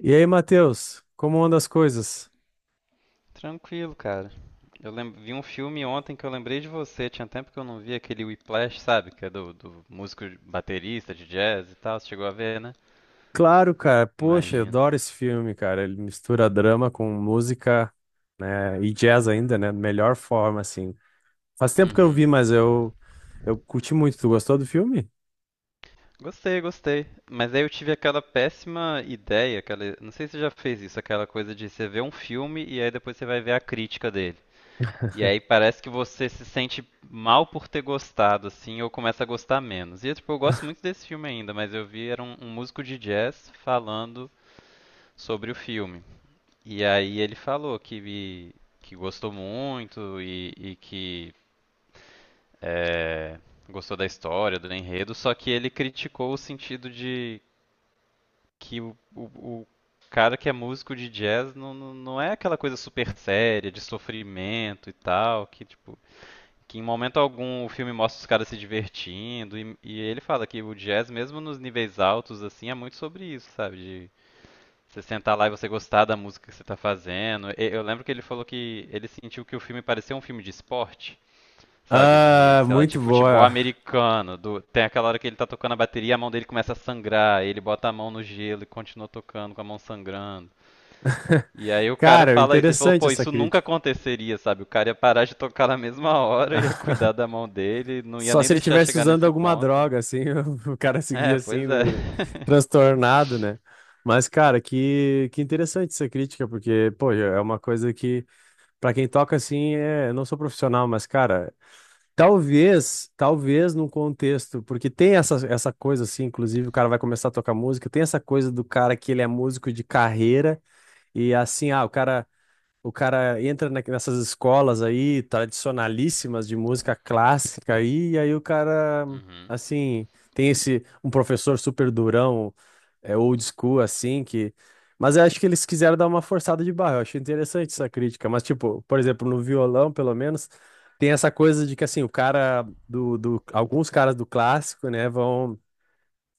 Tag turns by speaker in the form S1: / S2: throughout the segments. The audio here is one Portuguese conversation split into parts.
S1: E aí, Matheus, como anda as coisas?
S2: Tranquilo, cara. Eu vi um filme ontem que eu lembrei de você. Tinha tempo que eu não vi aquele Whiplash, sabe? Que é do músico baterista de jazz e tal. Você chegou a ver, né?
S1: Claro, cara, poxa, eu
S2: Imagino.
S1: adoro esse filme, cara. Ele mistura drama com música, né, e jazz ainda, né, melhor forma, assim. Faz tempo que eu não
S2: Uhum.
S1: vi, mas eu curti muito. Tu gostou do filme?
S2: Gostei, gostei. Mas aí eu tive aquela péssima ideia, não sei se você já fez isso, aquela coisa de você ver um filme e aí depois você vai ver a crítica dele. E aí parece que você se sente mal por ter gostado, assim, ou começa a gostar menos. E tipo, eu gosto muito desse filme ainda, mas eu vi era um, um músico de jazz falando sobre o filme. E aí ele falou que gostou muito e que gostou da história, do enredo, só que ele criticou o sentido de que o cara que é músico de jazz não é aquela coisa super séria, de sofrimento e tal, que tipo. Que em momento algum o filme mostra os caras se divertindo, e ele fala que o jazz, mesmo nos níveis altos, assim, é muito sobre isso, sabe? De você sentar lá e você gostar da música que você tá fazendo. Eu lembro que ele falou que ele sentiu que o filme parecia um filme de esporte, sabe? De,
S1: Ah,
S2: sei lá, de
S1: muito
S2: futebol
S1: boa.
S2: americano. Tem aquela hora que ele tá tocando a bateria, a mão dele começa a sangrar, ele bota a mão no gelo e continua tocando com a mão sangrando. E aí o cara
S1: Cara,
S2: fala isso, ele falou,
S1: interessante
S2: pô,
S1: essa
S2: isso nunca
S1: crítica.
S2: aconteceria, sabe? O cara ia parar de tocar na mesma hora, ia cuidar da mão dele, não ia
S1: Só
S2: nem
S1: se ele
S2: deixar
S1: tivesse
S2: chegar
S1: usando
S2: nesse
S1: alguma
S2: ponto.
S1: droga, assim, o cara seguia
S2: É,
S1: assim,
S2: pois é.
S1: né, transtornado, né? Mas, cara, que interessante essa crítica, porque, pô, é uma coisa que pra quem toca assim, é, eu não sou profissional, mas cara, talvez num contexto, porque tem essa, essa coisa assim, inclusive o cara vai começar a tocar música, tem essa coisa do cara que ele é músico de carreira e assim, ah, o cara entra nessas escolas aí, tradicionalíssimas de música clássica aí, e aí o cara,
S2: Uhum.
S1: assim, tem esse, um professor super durão, é, old school, assim, que... Mas eu acho que eles quiseram dar uma forçada de barra, eu acho interessante essa crítica, mas, tipo, por exemplo, no violão, pelo menos, tem essa coisa de que, assim, o cara do... Alguns caras do clássico, né, vão...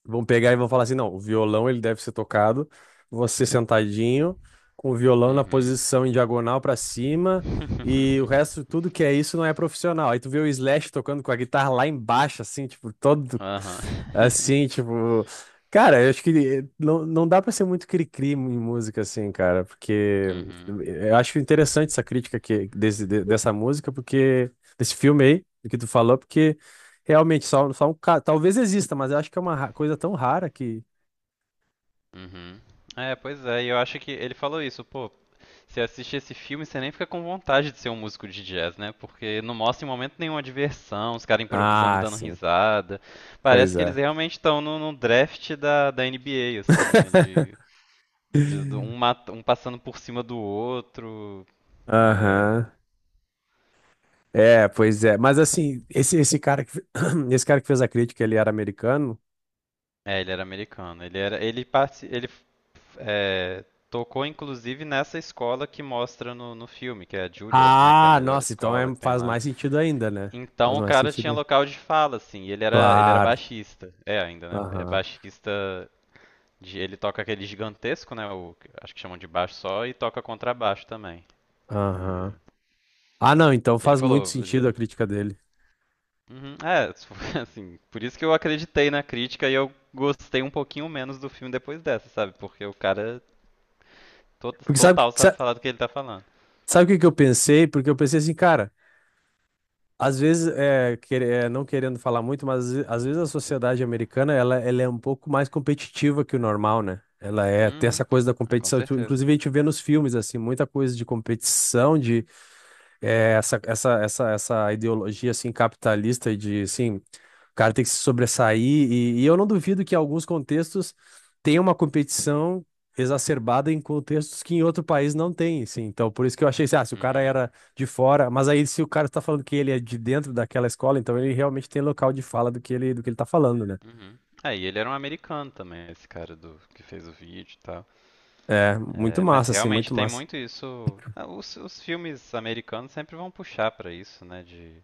S1: Vão pegar e vão falar assim, não, o violão ele deve ser tocado, você sentadinho, com o violão na posição em diagonal pra cima, e o resto, tudo que é isso não é profissional. Aí tu vê o Slash tocando com a guitarra lá embaixo, assim, tipo, todo,
S2: Aham.
S1: assim, tipo... Cara, eu acho que não, não dá pra ser muito cri-cri em música, assim, cara, porque
S2: Uhum.
S1: eu acho interessante essa crítica que, desse, dessa música, porque, desse filme aí, do que tu falou, porque... Realmente, só, só um caso. Talvez exista, mas eu acho que é uma coisa tão rara que.
S2: Uhum. É, pois é, e eu acho que ele falou isso, pô, você assiste esse filme, você nem fica com vontade de ser um músico de jazz, né? Porque não mostra em momento nenhuma diversão, os caras improvisando e
S1: Ah,
S2: dando
S1: sim.
S2: risada. Parece
S1: Pois
S2: que eles
S1: é.
S2: realmente estão no draft da NBA, assim, né? De, de- de um, mat- um passando por cima do outro. É,
S1: Aham. É, pois é. Mas assim, esse cara que, esse cara que fez a crítica, ele era americano?
S2: É, ele era americano. Ele era, ele parte, ele é, tocou inclusive nessa escola que mostra no filme, que é a Juilliard, né, que é a
S1: Ah,
S2: melhor
S1: nossa, então
S2: escola que tem
S1: faz
S2: lá.
S1: mais sentido ainda, né? Faz
S2: Então o
S1: mais
S2: cara
S1: sentido
S2: tinha
S1: aí.
S2: local de fala, assim. E ele era
S1: Claro.
S2: baixista. É ainda, né? É
S1: Aham.
S2: baixista. Ele toca aquele gigantesco, né? O, acho que chamam de baixo só e toca contrabaixo também. E
S1: Aham. Ah, não, então
S2: ele
S1: faz muito
S2: falou,
S1: sentido a crítica dele.
S2: Uhum, é, assim, por isso que eu acreditei na crítica e eu gostei um pouquinho menos do filme depois dessa, sabe? Porque o cara
S1: Porque sabe,
S2: total sabe falar do que ele tá falando.
S1: sabe o que que eu pensei? Porque eu pensei assim, cara. Às vezes, é, não querendo falar muito, mas às vezes a sociedade americana ela é um pouco mais competitiva que o normal, né? Ela é, tem essa
S2: Uhum.
S1: coisa da
S2: Ah, com
S1: competição.
S2: certeza.
S1: Inclusive, a gente vê nos filmes, assim, muita coisa de competição, é, essa ideologia assim capitalista de assim, o cara tem que se sobressair e eu não duvido que em alguns contextos tenha uma competição exacerbada em contextos que em outro país não tem, assim. Então, por isso que eu achei assim, ah, se o cara
S2: Uhum.
S1: era de fora, mas aí se o cara está falando que ele é de dentro daquela escola, então ele realmente tem local de fala do que ele tá falando, né?
S2: Uhum. É, e ele era um americano também, esse cara do que fez o vídeo e tal.
S1: É, muito
S2: É, mas
S1: massa, assim,
S2: realmente
S1: muito
S2: tem
S1: massa.
S2: muito isso. Ah, os filmes americanos sempre vão puxar pra isso, né? De.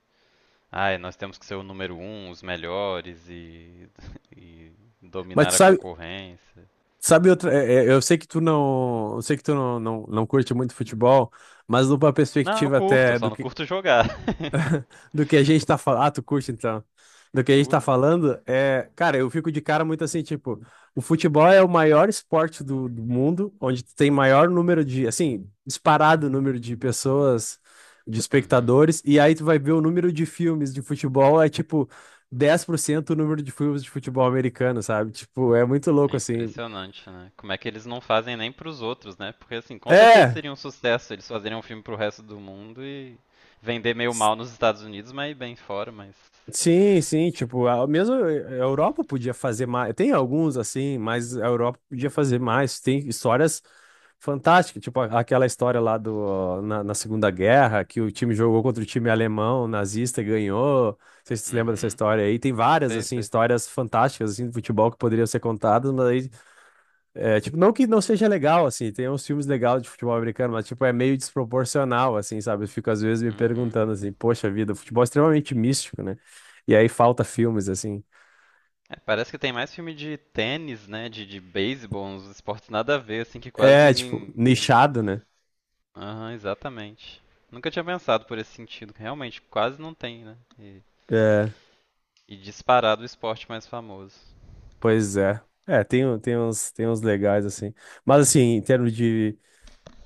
S2: Ai nós temos que ser o número um, os melhores e, e
S1: Mas tu
S2: dominar a
S1: sabe,
S2: concorrência.
S1: sabe outra, eu sei que tu não, eu sei que tu não curte muito futebol, mas numa
S2: Não, eu
S1: perspectiva
S2: curto, eu
S1: até
S2: só não curto jogar.
S1: do que a gente tá falando, ah, tu curte então. Do que a gente tá
S2: Curto.
S1: falando, é, cara, eu fico de cara muito assim, tipo, o futebol é o maior esporte do mundo, onde tem maior número de, assim, disparado número de pessoas, de
S2: Uhum.
S1: espectadores, e aí tu vai ver o número de filmes de futebol, é tipo 10% o número de filmes de futebol americano, sabe? Tipo, é muito louco
S2: É
S1: assim.
S2: impressionante, né? Como é que eles não fazem nem pros outros, né? Porque assim, com certeza
S1: É.
S2: seria um sucesso eles fazerem um filme pro resto do mundo e vender meio mal nos Estados Unidos, mas bem fora, mas.
S1: Sim, sim, tipo, a, mesmo a Europa podia fazer mais. Tem alguns assim, mas a Europa podia fazer mais. Tem histórias fantásticas, tipo aquela história lá do na Segunda Guerra, que o time jogou contra o time alemão nazista e ganhou. Vocês se lembram dessa
S2: Uhum.
S1: história aí? Tem várias
S2: Sei,
S1: assim
S2: sei.
S1: histórias fantásticas assim de futebol que poderiam ser contadas, mas aí é, tipo, não que não seja legal, assim, tem uns filmes legais de futebol americano, mas, tipo, é meio desproporcional, assim, sabe? Eu fico, às vezes, me
S2: Uhum.
S1: perguntando, assim, poxa vida, o futebol é extremamente místico, né? E aí falta filmes, assim.
S2: É, parece que tem mais filme de tênis, né? De beisebol, uns esportes nada a ver, assim, que quase
S1: É, tipo,
S2: ninguém.
S1: nichado, né?
S2: Aham, exatamente. Nunca tinha pensado por esse sentido. Que realmente, quase não tem, né? E,
S1: É,
S2: e disparado o esporte mais famoso.
S1: pois é. É, tem, tem uns legais, assim. Mas, assim, em termos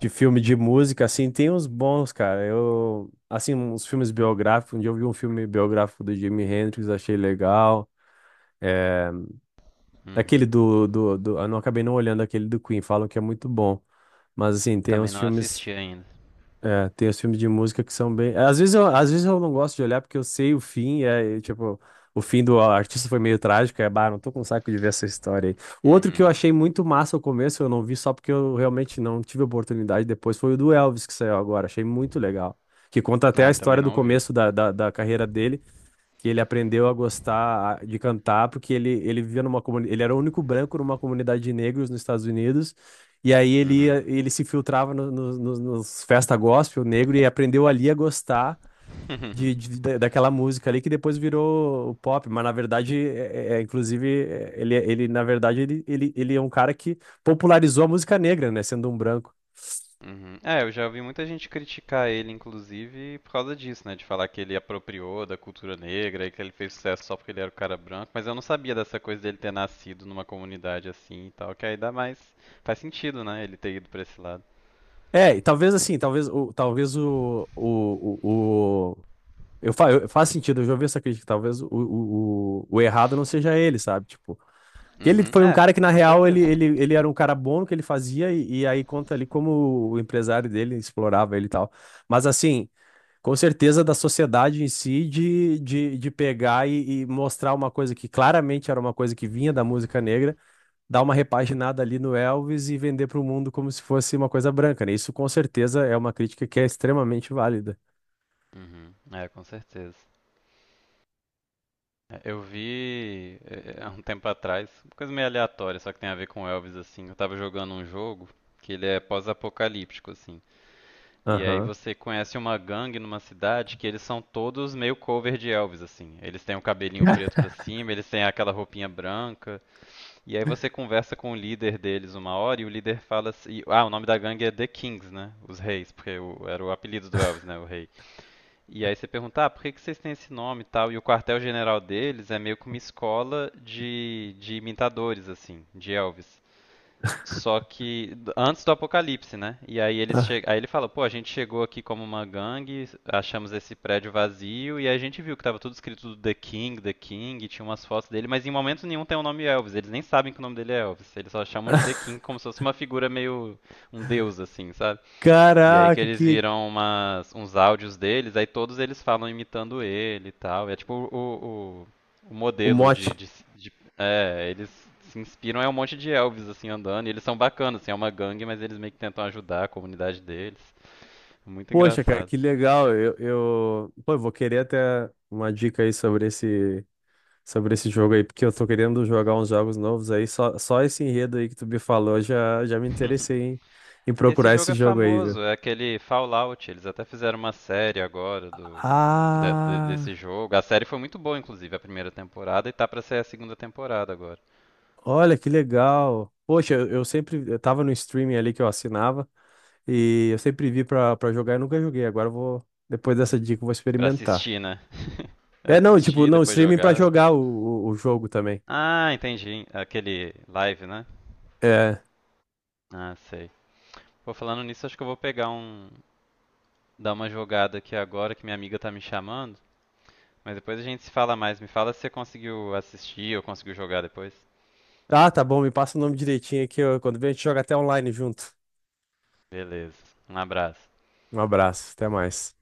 S1: de filme de música, assim, tem uns bons, cara. Eu, assim, uns filmes biográficos, um dia eu vi um filme biográfico do Jimi Hendrix, achei legal. É, aquele
S2: Uhum.
S1: do. Eu não acabei não olhando aquele do Queen, falam que é muito bom. Mas assim, tem
S2: Também
S1: uns
S2: não
S1: filmes.
S2: assisti ainda.
S1: É, tem os filmes de música que são bem. Às vezes eu não gosto de olhar porque eu sei o fim, é e, tipo. O fim do artista foi meio trágico, é, bah, não tô com saco de ver essa história aí. O outro que eu
S2: Uhum.
S1: achei muito massa ao começo, eu não vi só porque eu realmente não tive oportunidade depois, foi o do Elvis que saiu agora, achei muito legal. Que conta até
S2: Ah,
S1: a
S2: eu também
S1: história do
S2: não vi.
S1: começo da carreira dele que ele aprendeu a gostar de cantar porque ele vivia numa comunidade, ele era o único branco numa comunidade de negros nos Estados Unidos. E aí ele
S2: Uhum.
S1: ia, ele se filtrava nos festa gospel negro e aprendeu ali a gostar daquela música ali que depois virou o pop, mas na verdade inclusive é, ele na verdade ele é um cara que popularizou a música negra, né, sendo um branco.
S2: Uhum. É, eu já ouvi muita gente criticar ele, inclusive, por causa disso, né? De falar que ele apropriou da cultura negra e que ele fez sucesso só porque ele era o cara branco. Mas eu não sabia dessa coisa dele ter nascido numa comunidade assim e tal, que aí dá mais. Faz sentido, né? Ele ter ido pra esse lado.
S1: É, e talvez assim, talvez o, talvez o, eu, faz sentido, eu já ouvi essa crítica. Talvez o errado não seja ele, sabe? Tipo, que ele
S2: Uhum.
S1: foi um
S2: É,
S1: cara que, na
S2: com
S1: real, ele,
S2: certeza.
S1: ele, ele era um cara bom no que ele fazia, e aí conta ali como o empresário dele explorava ele e tal. Mas assim, com certeza da sociedade em si de pegar e mostrar uma coisa que claramente era uma coisa que vinha da música negra, dar uma repaginada ali no Elvis e vender para o mundo como se fosse uma coisa branca, né? Isso com certeza é uma crítica que é extremamente válida.
S2: Uhum. É, com certeza. É, eu vi há um tempo atrás, uma coisa meio aleatória, só que tem a ver com Elvis, assim. Eu tava jogando um jogo que ele é pós-apocalíptico, assim. E aí
S1: Aham.
S2: você conhece uma gangue numa cidade que eles são todos meio cover de Elvis, assim. Eles têm o cabelinho preto pra cima, eles têm aquela roupinha branca. E aí você conversa com o líder deles uma hora e o líder fala assim... Ah, o nome da gangue é The Kings, né? Os Reis, porque era o apelido do Elvis, né? O Rei. E aí você pergunta, ah, por que que vocês têm esse nome e tal? E o quartel-general deles é meio que uma escola de imitadores, assim, de Elvis. Só que antes do apocalipse, né? E aí eles
S1: Ah,
S2: che... aí ele fala, pô, a gente chegou aqui como uma gangue, achamos esse prédio vazio e aí a gente viu que tava tudo escrito The King, The King, e tinha umas fotos dele, mas em momento nenhum tem o nome Elvis. Eles nem sabem que o nome dele é Elvis. Eles só chamam de The King como se fosse uma figura meio um deus assim, sabe? E aí que
S1: caraca,
S2: eles
S1: que,
S2: viram uns áudios deles, aí todos eles falam imitando ele e tal. É tipo o
S1: o
S2: modelo
S1: mote.
S2: de, de, de- É, eles se inspiram, é um monte de Elvis assim andando. E eles são bacanas, assim, é uma gangue, mas eles meio que tentam ajudar a comunidade deles. É muito
S1: Poxa, cara,
S2: engraçado.
S1: que legal. Eu... Pô, eu vou querer até uma dica aí sobre esse jogo aí, porque eu tô querendo jogar uns jogos novos aí. Só, só esse enredo aí que tu me falou já, já me interessei em, em
S2: Esse
S1: procurar
S2: jogo
S1: esse
S2: é
S1: jogo aí, viu?
S2: famoso, é aquele Fallout. Eles até fizeram uma série agora do. Desse
S1: Ah,
S2: jogo. A série foi muito boa, inclusive, a primeira temporada, e tá pra sair a segunda temporada agora.
S1: olha que legal. Poxa, eu sempre eu tava no streaming ali que eu assinava e eu sempre vi pra, pra jogar e nunca joguei. Agora eu vou, depois dessa dica, eu vou
S2: Pra
S1: experimentar.
S2: assistir, né?
S1: É, não, tipo,
S2: Assistir,
S1: não,
S2: depois
S1: streaming pra
S2: jogar.
S1: jogar o jogo também.
S2: Ah, entendi. Aquele live, né?
S1: É.
S2: Ah, sei. Pô, falando nisso, acho que eu vou pegar um. Dar uma jogada aqui agora que minha amiga tá me chamando. Mas depois a gente se fala mais. Me fala se você conseguiu assistir ou conseguiu jogar depois.
S1: Ah, tá bom, me passa o nome direitinho aqui. Ó, quando vem, a gente joga até online junto.
S2: Beleza. Um abraço.
S1: Um abraço, até mais.